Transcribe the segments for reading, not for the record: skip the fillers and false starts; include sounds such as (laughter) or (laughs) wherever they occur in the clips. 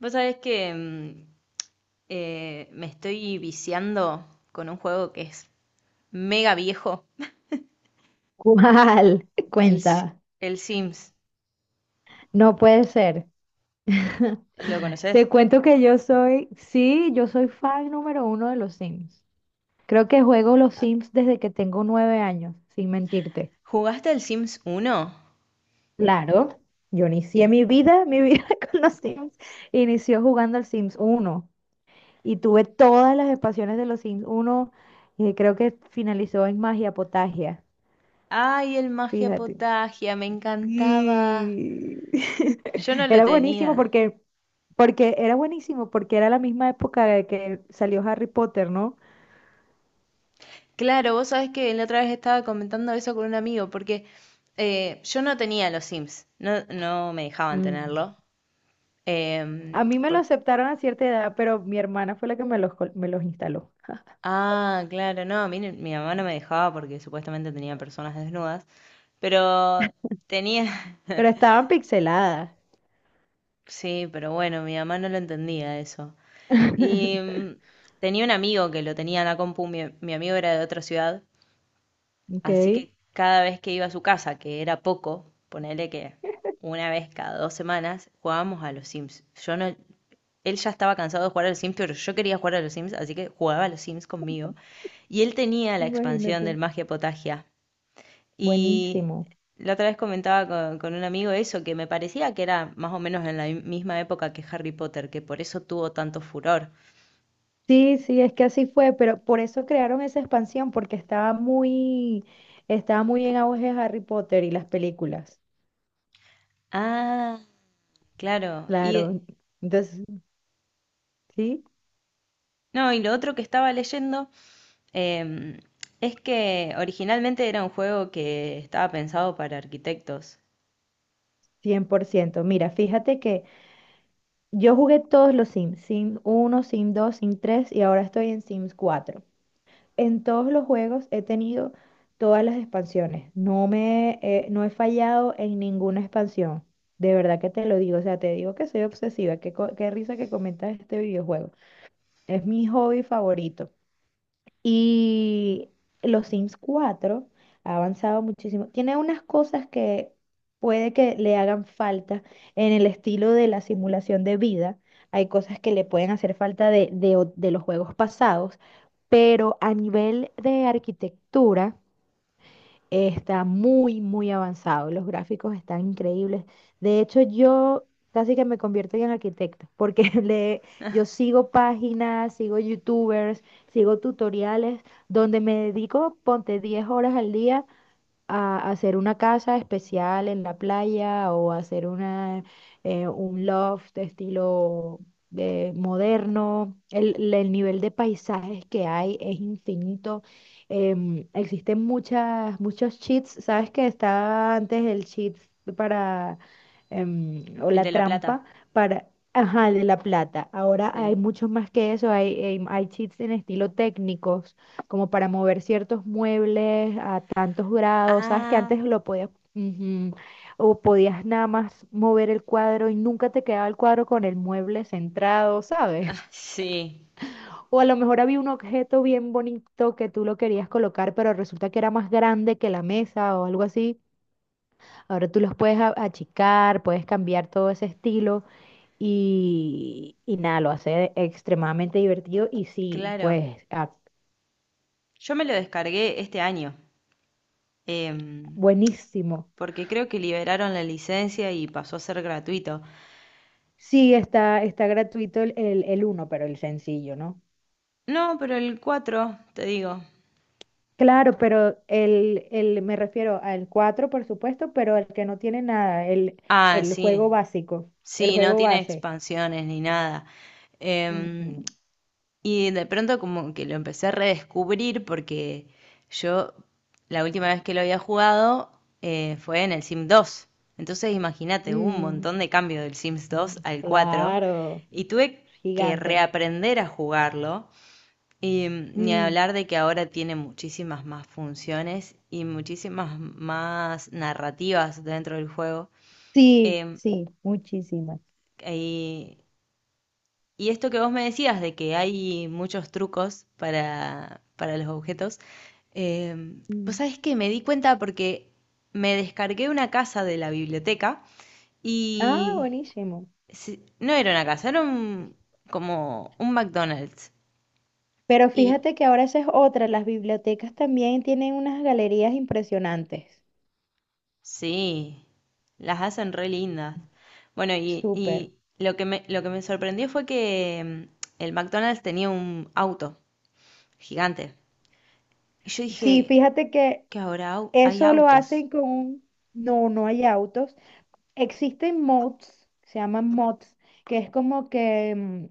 Vos sabés que me estoy viciando con un juego que es mega viejo, ¿Cuál? (laughs) el, Si- Cuenta. el Sims. No puede ser. (laughs) ¿Lo conoces? Te cuento que yo soy, sí, yo soy fan número uno de los Sims. Creo que juego los Sims desde que tengo 9 años, sin mentirte. ¿Jugaste el Sims uno? Claro, yo inicié mi vida (laughs) con los Sims. Inició jugando al Sims uno y tuve todas las expansiones de los Sims uno. Y creo que finalizó en Magia Potagia, Ay, el Magia fíjate. Potagia, me encantaba. Y... Yo no (laughs) lo Era buenísimo tenía. porque Porque era buenísimo, porque era la misma época de que salió Harry Potter, ¿no? Claro, vos sabés que la otra vez estaba comentando eso con un amigo, porque yo no tenía los Sims, no, no me dejaban Mm. tenerlo. A Em, mí me lo por- aceptaron a cierta edad, pero mi hermana fue la que me los instaló. Ah, claro, no, a mí no- mi mamá no me dejaba porque supuestamente tenía personas desnudas. Pero tenía, (laughs) Pero estaban pixeladas. sí, pero bueno, mi mamá no lo entendía eso. Y (laughs) mm, Tenía un amigo que lo tenía en la compu, mi amigo era de otra ciudad, Ok, así que cada vez que iba a su casa, que era poco, ponele que una vez cada dos semanas, jugábamos a los Sims. Yo no, él ya estaba cansado de jugar a los Sims, pero yo quería jugar a los Sims, así que jugaba a los Sims conmigo. Y él tenía la expansión del imagínate. Magia Potagia. Y Buenísimo. la otra vez comentaba con un amigo eso, que me parecía que era más o menos en la misma época que Harry Potter, que por eso tuvo tanto furor. Sí, sí, es que así fue, pero por eso crearon esa expansión, porque estaba muy en auge Harry Potter y las películas. Ah, claro. Y Claro. Entonces, sí, no, y lo otro que estaba leyendo em, es que originalmente era un juego que estaba pensado para arquitectos. 100%. Mira, fíjate que yo jugué todos los Sims, Sim uno, Sim 2, Sim 3 y ahora estoy en Sims 4. En todos los juegos he tenido todas las expansiones. No he fallado en ninguna expansión. De verdad que te lo digo, o sea, te digo que soy obsesiva, qué risa que comentas este videojuego. Es mi hobby favorito. Y los Sims 4 ha avanzado muchísimo. Tiene unas cosas que puede que le hagan falta en el estilo de la simulación de vida. Hay cosas que le pueden hacer falta de los juegos pasados, pero a nivel de arquitectura. Está muy, muy avanzado. Los gráficos están increíbles. De hecho, yo casi que me convierto en arquitecta, porque (laughs) yo sigo páginas, sigo youtubers, sigo tutoriales, donde me dedico, ponte 10 horas al día a hacer una casa especial en la playa o hacer un loft de estilo de moderno. El nivel de paisajes que hay es infinito. Existen muchos cheats. ¿Sabes que estaba antes el cheat para, o El de la La Plata. trampa para... Ajá, el de la plata? Ahora hay Sí. muchos más que eso. Hay cheats en estilo técnicos como para mover ciertos muebles a tantos grados, sabes que Ah, antes lo podías, ujú, o podías nada más mover el cuadro y nunca te quedaba el cuadro con el mueble centrado, ah, ¿sabes? (laughs) sí, O a lo mejor había un objeto bien bonito que tú lo querías colocar, pero resulta que era más grande que la mesa o algo así. Ahora tú los puedes achicar, puedes cambiar todo ese estilo y nada, lo hace extremadamente divertido y sí, claro. pues Yo me lo descargué este año, em, buenísimo. porque creo que liberaron la licencia y pasó a ser gratuito. Sí, está gratuito el uno, pero el sencillo, ¿no? No, pero el 4 te digo. Claro, pero me refiero al 4, por supuesto, pero el que no tiene nada, el, Ah, el juego sí, básico, el sí, no juego tiene base. expansiones ni nada. Em, Mm, y de pronto como que lo empecé a redescubrir porque yo la última vez que lo había jugado fue en el Sims 2. Entonces imagínate, hubo un mm, montón de cambio del Sims 2 mm, al 4 claro, y tuve que gigantes. reaprender a jugarlo. Ni Mm, hablar de que ahora tiene muchísimas más funciones y muchísimas más narrativas dentro del juego. sí, Em, sí, muchísimas. y, y esto que vos me decías de que hay muchos trucos para los objetos, vos Mm. sabés que me di cuenta porque me descargué una casa de la biblioteca Ah, y buenísimo. No era una casa, era un, como un McDonald's. Pero Y fíjate que ahora esa es otra, las bibliotecas también tienen unas galerías impresionantes. sí, las hacen re lindas. Bueno, Súper. y lo que me sorprendió fue que el McDonald's tenía un auto gigante. Y yo Sí, dije, fíjate que que ahora hay eso lo autos. hacen no, no hay autos. Existen mods, se llaman mods, que es como que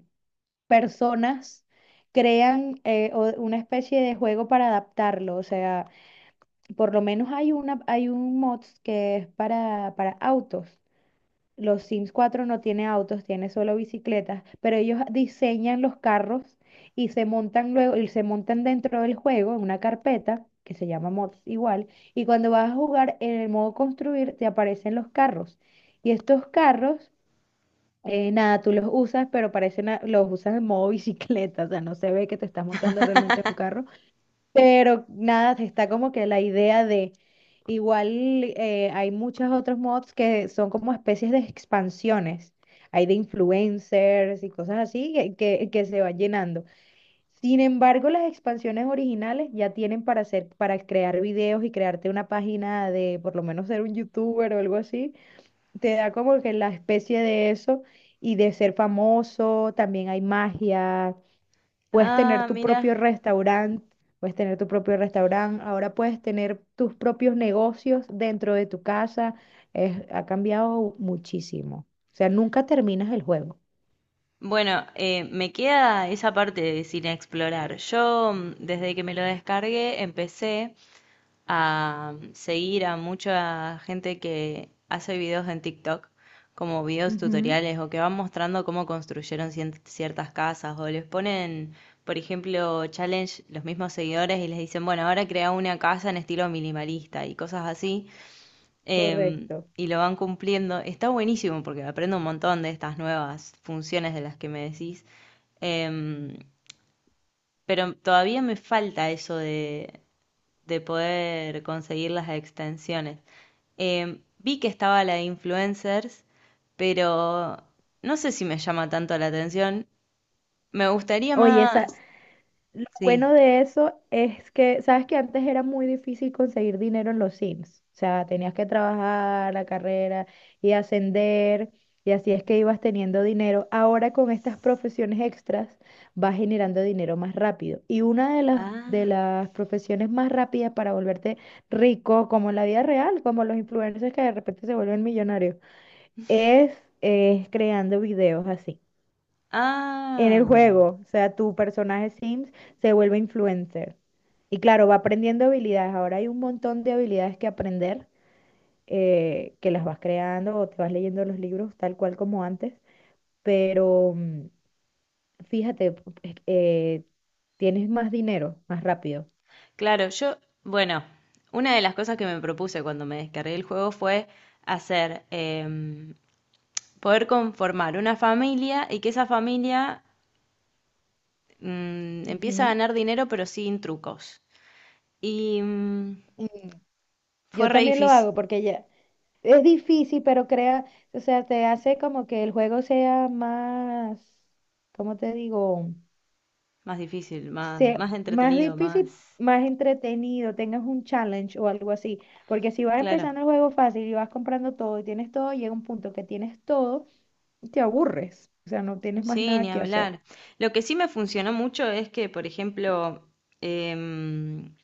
personas crean una especie de juego para adaptarlo. O sea, por lo menos hay un mods que es para autos. Los Sims 4 no tiene autos, tiene solo bicicletas, pero ellos diseñan los carros y se montan luego y se montan dentro del juego en una carpeta que se llama mods igual, y cuando vas a jugar en el modo construir te aparecen los carros. Y estos carros nada, tú los usas, pero parecen los usas en modo (laughs) bicicleta, o sea, no se ve que te estás montando realmente en un carro, pero nada, está como que la idea de, igual hay muchos otros mods que son como especies de expansiones, hay de influencers y cosas así que se van llenando. Sin embargo, las expansiones originales ya tienen para hacer, para crear videos y crearte una página de por lo menos ser un youtuber o algo así. Te da como que la especie de eso y de ser famoso, también hay magia. Puedes tener Ah, tu mira. propio restaurante, puedes tener tu propio restaurante, ahora puedes tener tus propios negocios dentro de tu casa. Ha cambiado muchísimo. O sea, nunca terminas el juego. Bueno, me queda esa parte de sin explorar. Yo, desde que me lo descargué, empecé a seguir a mucha gente que hace videos en TikTok, como videos Ujú. tutoriales o que van mostrando cómo construyeron ciertas casas o les ponen, por ejemplo, challenge los mismos seguidores y les dicen, bueno, ahora crea una casa en estilo minimalista y cosas así. em, Correcto. y lo van cumpliendo. Está buenísimo porque aprendo un montón de estas nuevas funciones de las que me decís. Em, pero todavía me falta eso de poder conseguir las extensiones. Vi que estaba la de influencers, pero no sé si me llama tanto la atención. Me gustaría Oye, más. lo bueno Sí. de eso es que, sabes que antes era muy difícil conseguir dinero en los Sims. O sea, tenías que trabajar la carrera y ascender, y así es que ibas teniendo dinero. Ahora con estas profesiones extras vas generando dinero más rápido. Y una de Ah, las profesiones más rápidas para volverte rico, como en la vida real, como los influencers que de repente se vuelven millonarios, es, es creando videos así en ah. el juego. O sea, tu personaje Sims se vuelve influencer. Y claro, va aprendiendo habilidades. Ahora hay un montón de habilidades que aprender, que las vas creando o te vas leyendo los libros tal cual como antes. Pero fíjate, tienes más dinero, más rápido. Claro, yo, bueno, una de las cosas que me propuse cuando me descargué el juego fue hacer, poder conformar una familia y que esa familia empieza a Ujú. ganar dinero pero sin trucos. Y mm, Mm, fue Yo re también lo hago porque ya es difícil, pero crea, o sea, te hace como que el juego sea más, ¿cómo te digo? Difícil, más, Sea más más entretenido, difícil, más... más entretenido, tengas un challenge o algo así. Porque si vas Claro, empezando el juego fácil y vas comprando todo y tienes todo, llega un punto que tienes todo y te aburres. O sea, no tienes más sí, nada ni que hacer. hablar. Lo que sí me funcionó mucho es que, por ejemplo, em,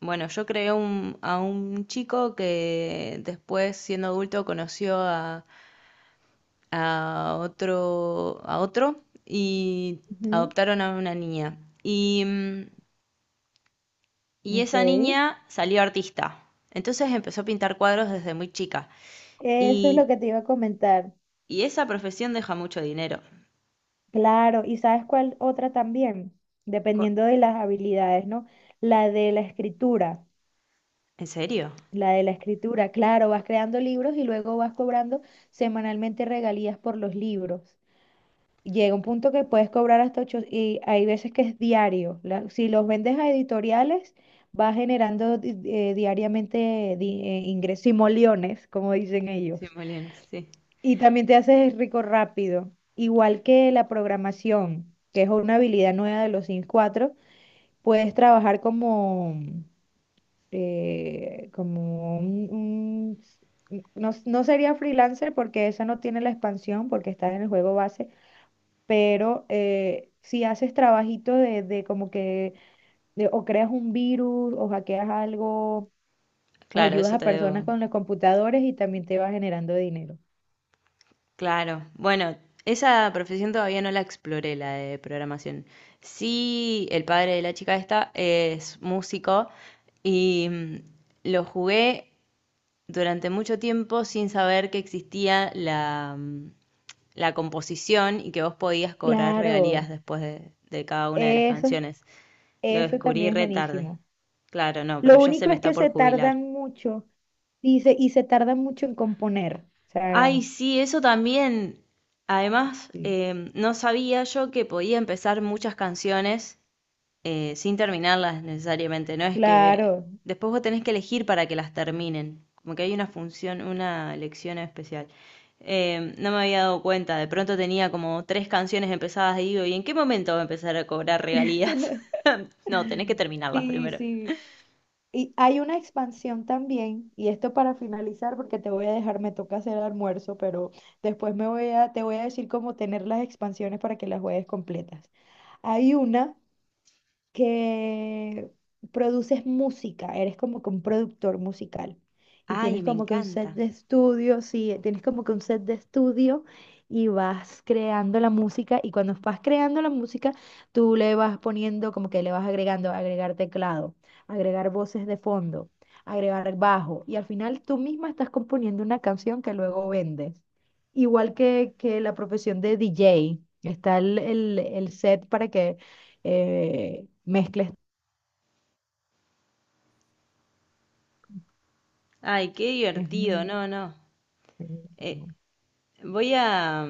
bueno, yo creé a un chico que después, siendo adulto, conoció a otro y Ujú. adoptaron a una niña. Y mm, Y Ok, esa niña salió artista. Entonces empezó a pintar cuadros desde muy chica. eso es lo Y, que te iba a comentar. y esa profesión deja mucho dinero. Claro, ¿y sabes cuál otra también? Co- Dependiendo de las habilidades, ¿no? La de la escritura. ¿En serio? La de la escritura, claro, vas creando libros y luego vas cobrando semanalmente regalías por los libros. Llega un punto que puedes cobrar hasta 8 y hay veces que es diario. Si los vendes a editoriales, va generando diariamente ingresos y moliones, como dicen ellos. 100 millones, sí. Y también te haces rico rápido. Igual que la programación, que es una habilidad nueva de los Sims 4, puedes trabajar como, como no, no sería freelancer porque esa no tiene la expansión, porque está en el juego base, pero si haces trabajito de como que, de- o creas un virus, o hackeas algo, o Claro, ayudas eso a te personas debo. con los computadores y también te va generando dinero. Claro. Bueno, esa profesión todavía no la exploré, la de programación. Sí, el padre de la chica esta es músico y lo jugué durante mucho tiempo sin saber que existía la, la composición y que vos podías cobrar regalías Claro, después de cada una de las eso, es- canciones. Lo eso descubrí también es re tarde. buenísimo. Claro, no, pero Lo ya se único me es está que por se jubilar. tardan mucho y se tardan mucho en componer. O sea, Ay, sí, eso también. Además, sí. No sabía yo que podía empezar muchas canciones sin terminarlas necesariamente. No es que Claro. después vos tenés que elegir para que las terminen. Como que hay una función, una elección especial. No me había dado cuenta, de pronto tenía como tres canciones empezadas y digo, ¿y en qué momento va a empezar a cobrar regalías? (laughs) (laughs) No, tenés que terminarlas Sí, primero. sí. Y hay una expansión también, y esto para finalizar, porque te voy a dejar, me toca hacer almuerzo, pero después me voy a, te voy a decir cómo tener las expansiones para que las juegues completas. Hay una que produces música, eres como que un productor musical y Ay, tienes me como que un encanta. set de estudio, sí, tienes como que un set de estudio y vas creando la música y cuando vas creando la música, tú le vas poniendo como que le vas agregando, agregar teclado, agregar voces de fondo, agregar bajo y al final tú misma estás componiendo una canción que luego vendes. Igual que la profesión de DJ, está el set para que mezcles. Ay, qué Es divertido. muy No, no. Eh, buenísimo. Voy a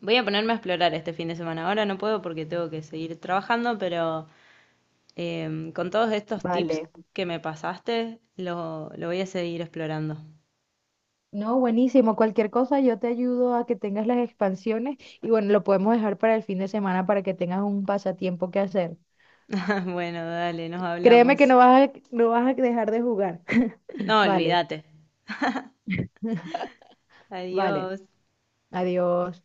voy a ponerme a explorar este fin de semana. Ahora no puedo porque tengo que seguir trabajando, pero con todos estos tips Vale. que me pasaste, lo voy a seguir explorando. No, buenísimo. Cualquier cosa, yo te ayudo a que tengas las expansiones y bueno, lo podemos dejar para el fin de semana para que tengas un pasatiempo que hacer. (laughs) Bueno, dale, nos Créeme que hablamos. no vas a, no vas a dejar de jugar. (laughs) No, Vale, olvídate. vale. Adiós. Adiós.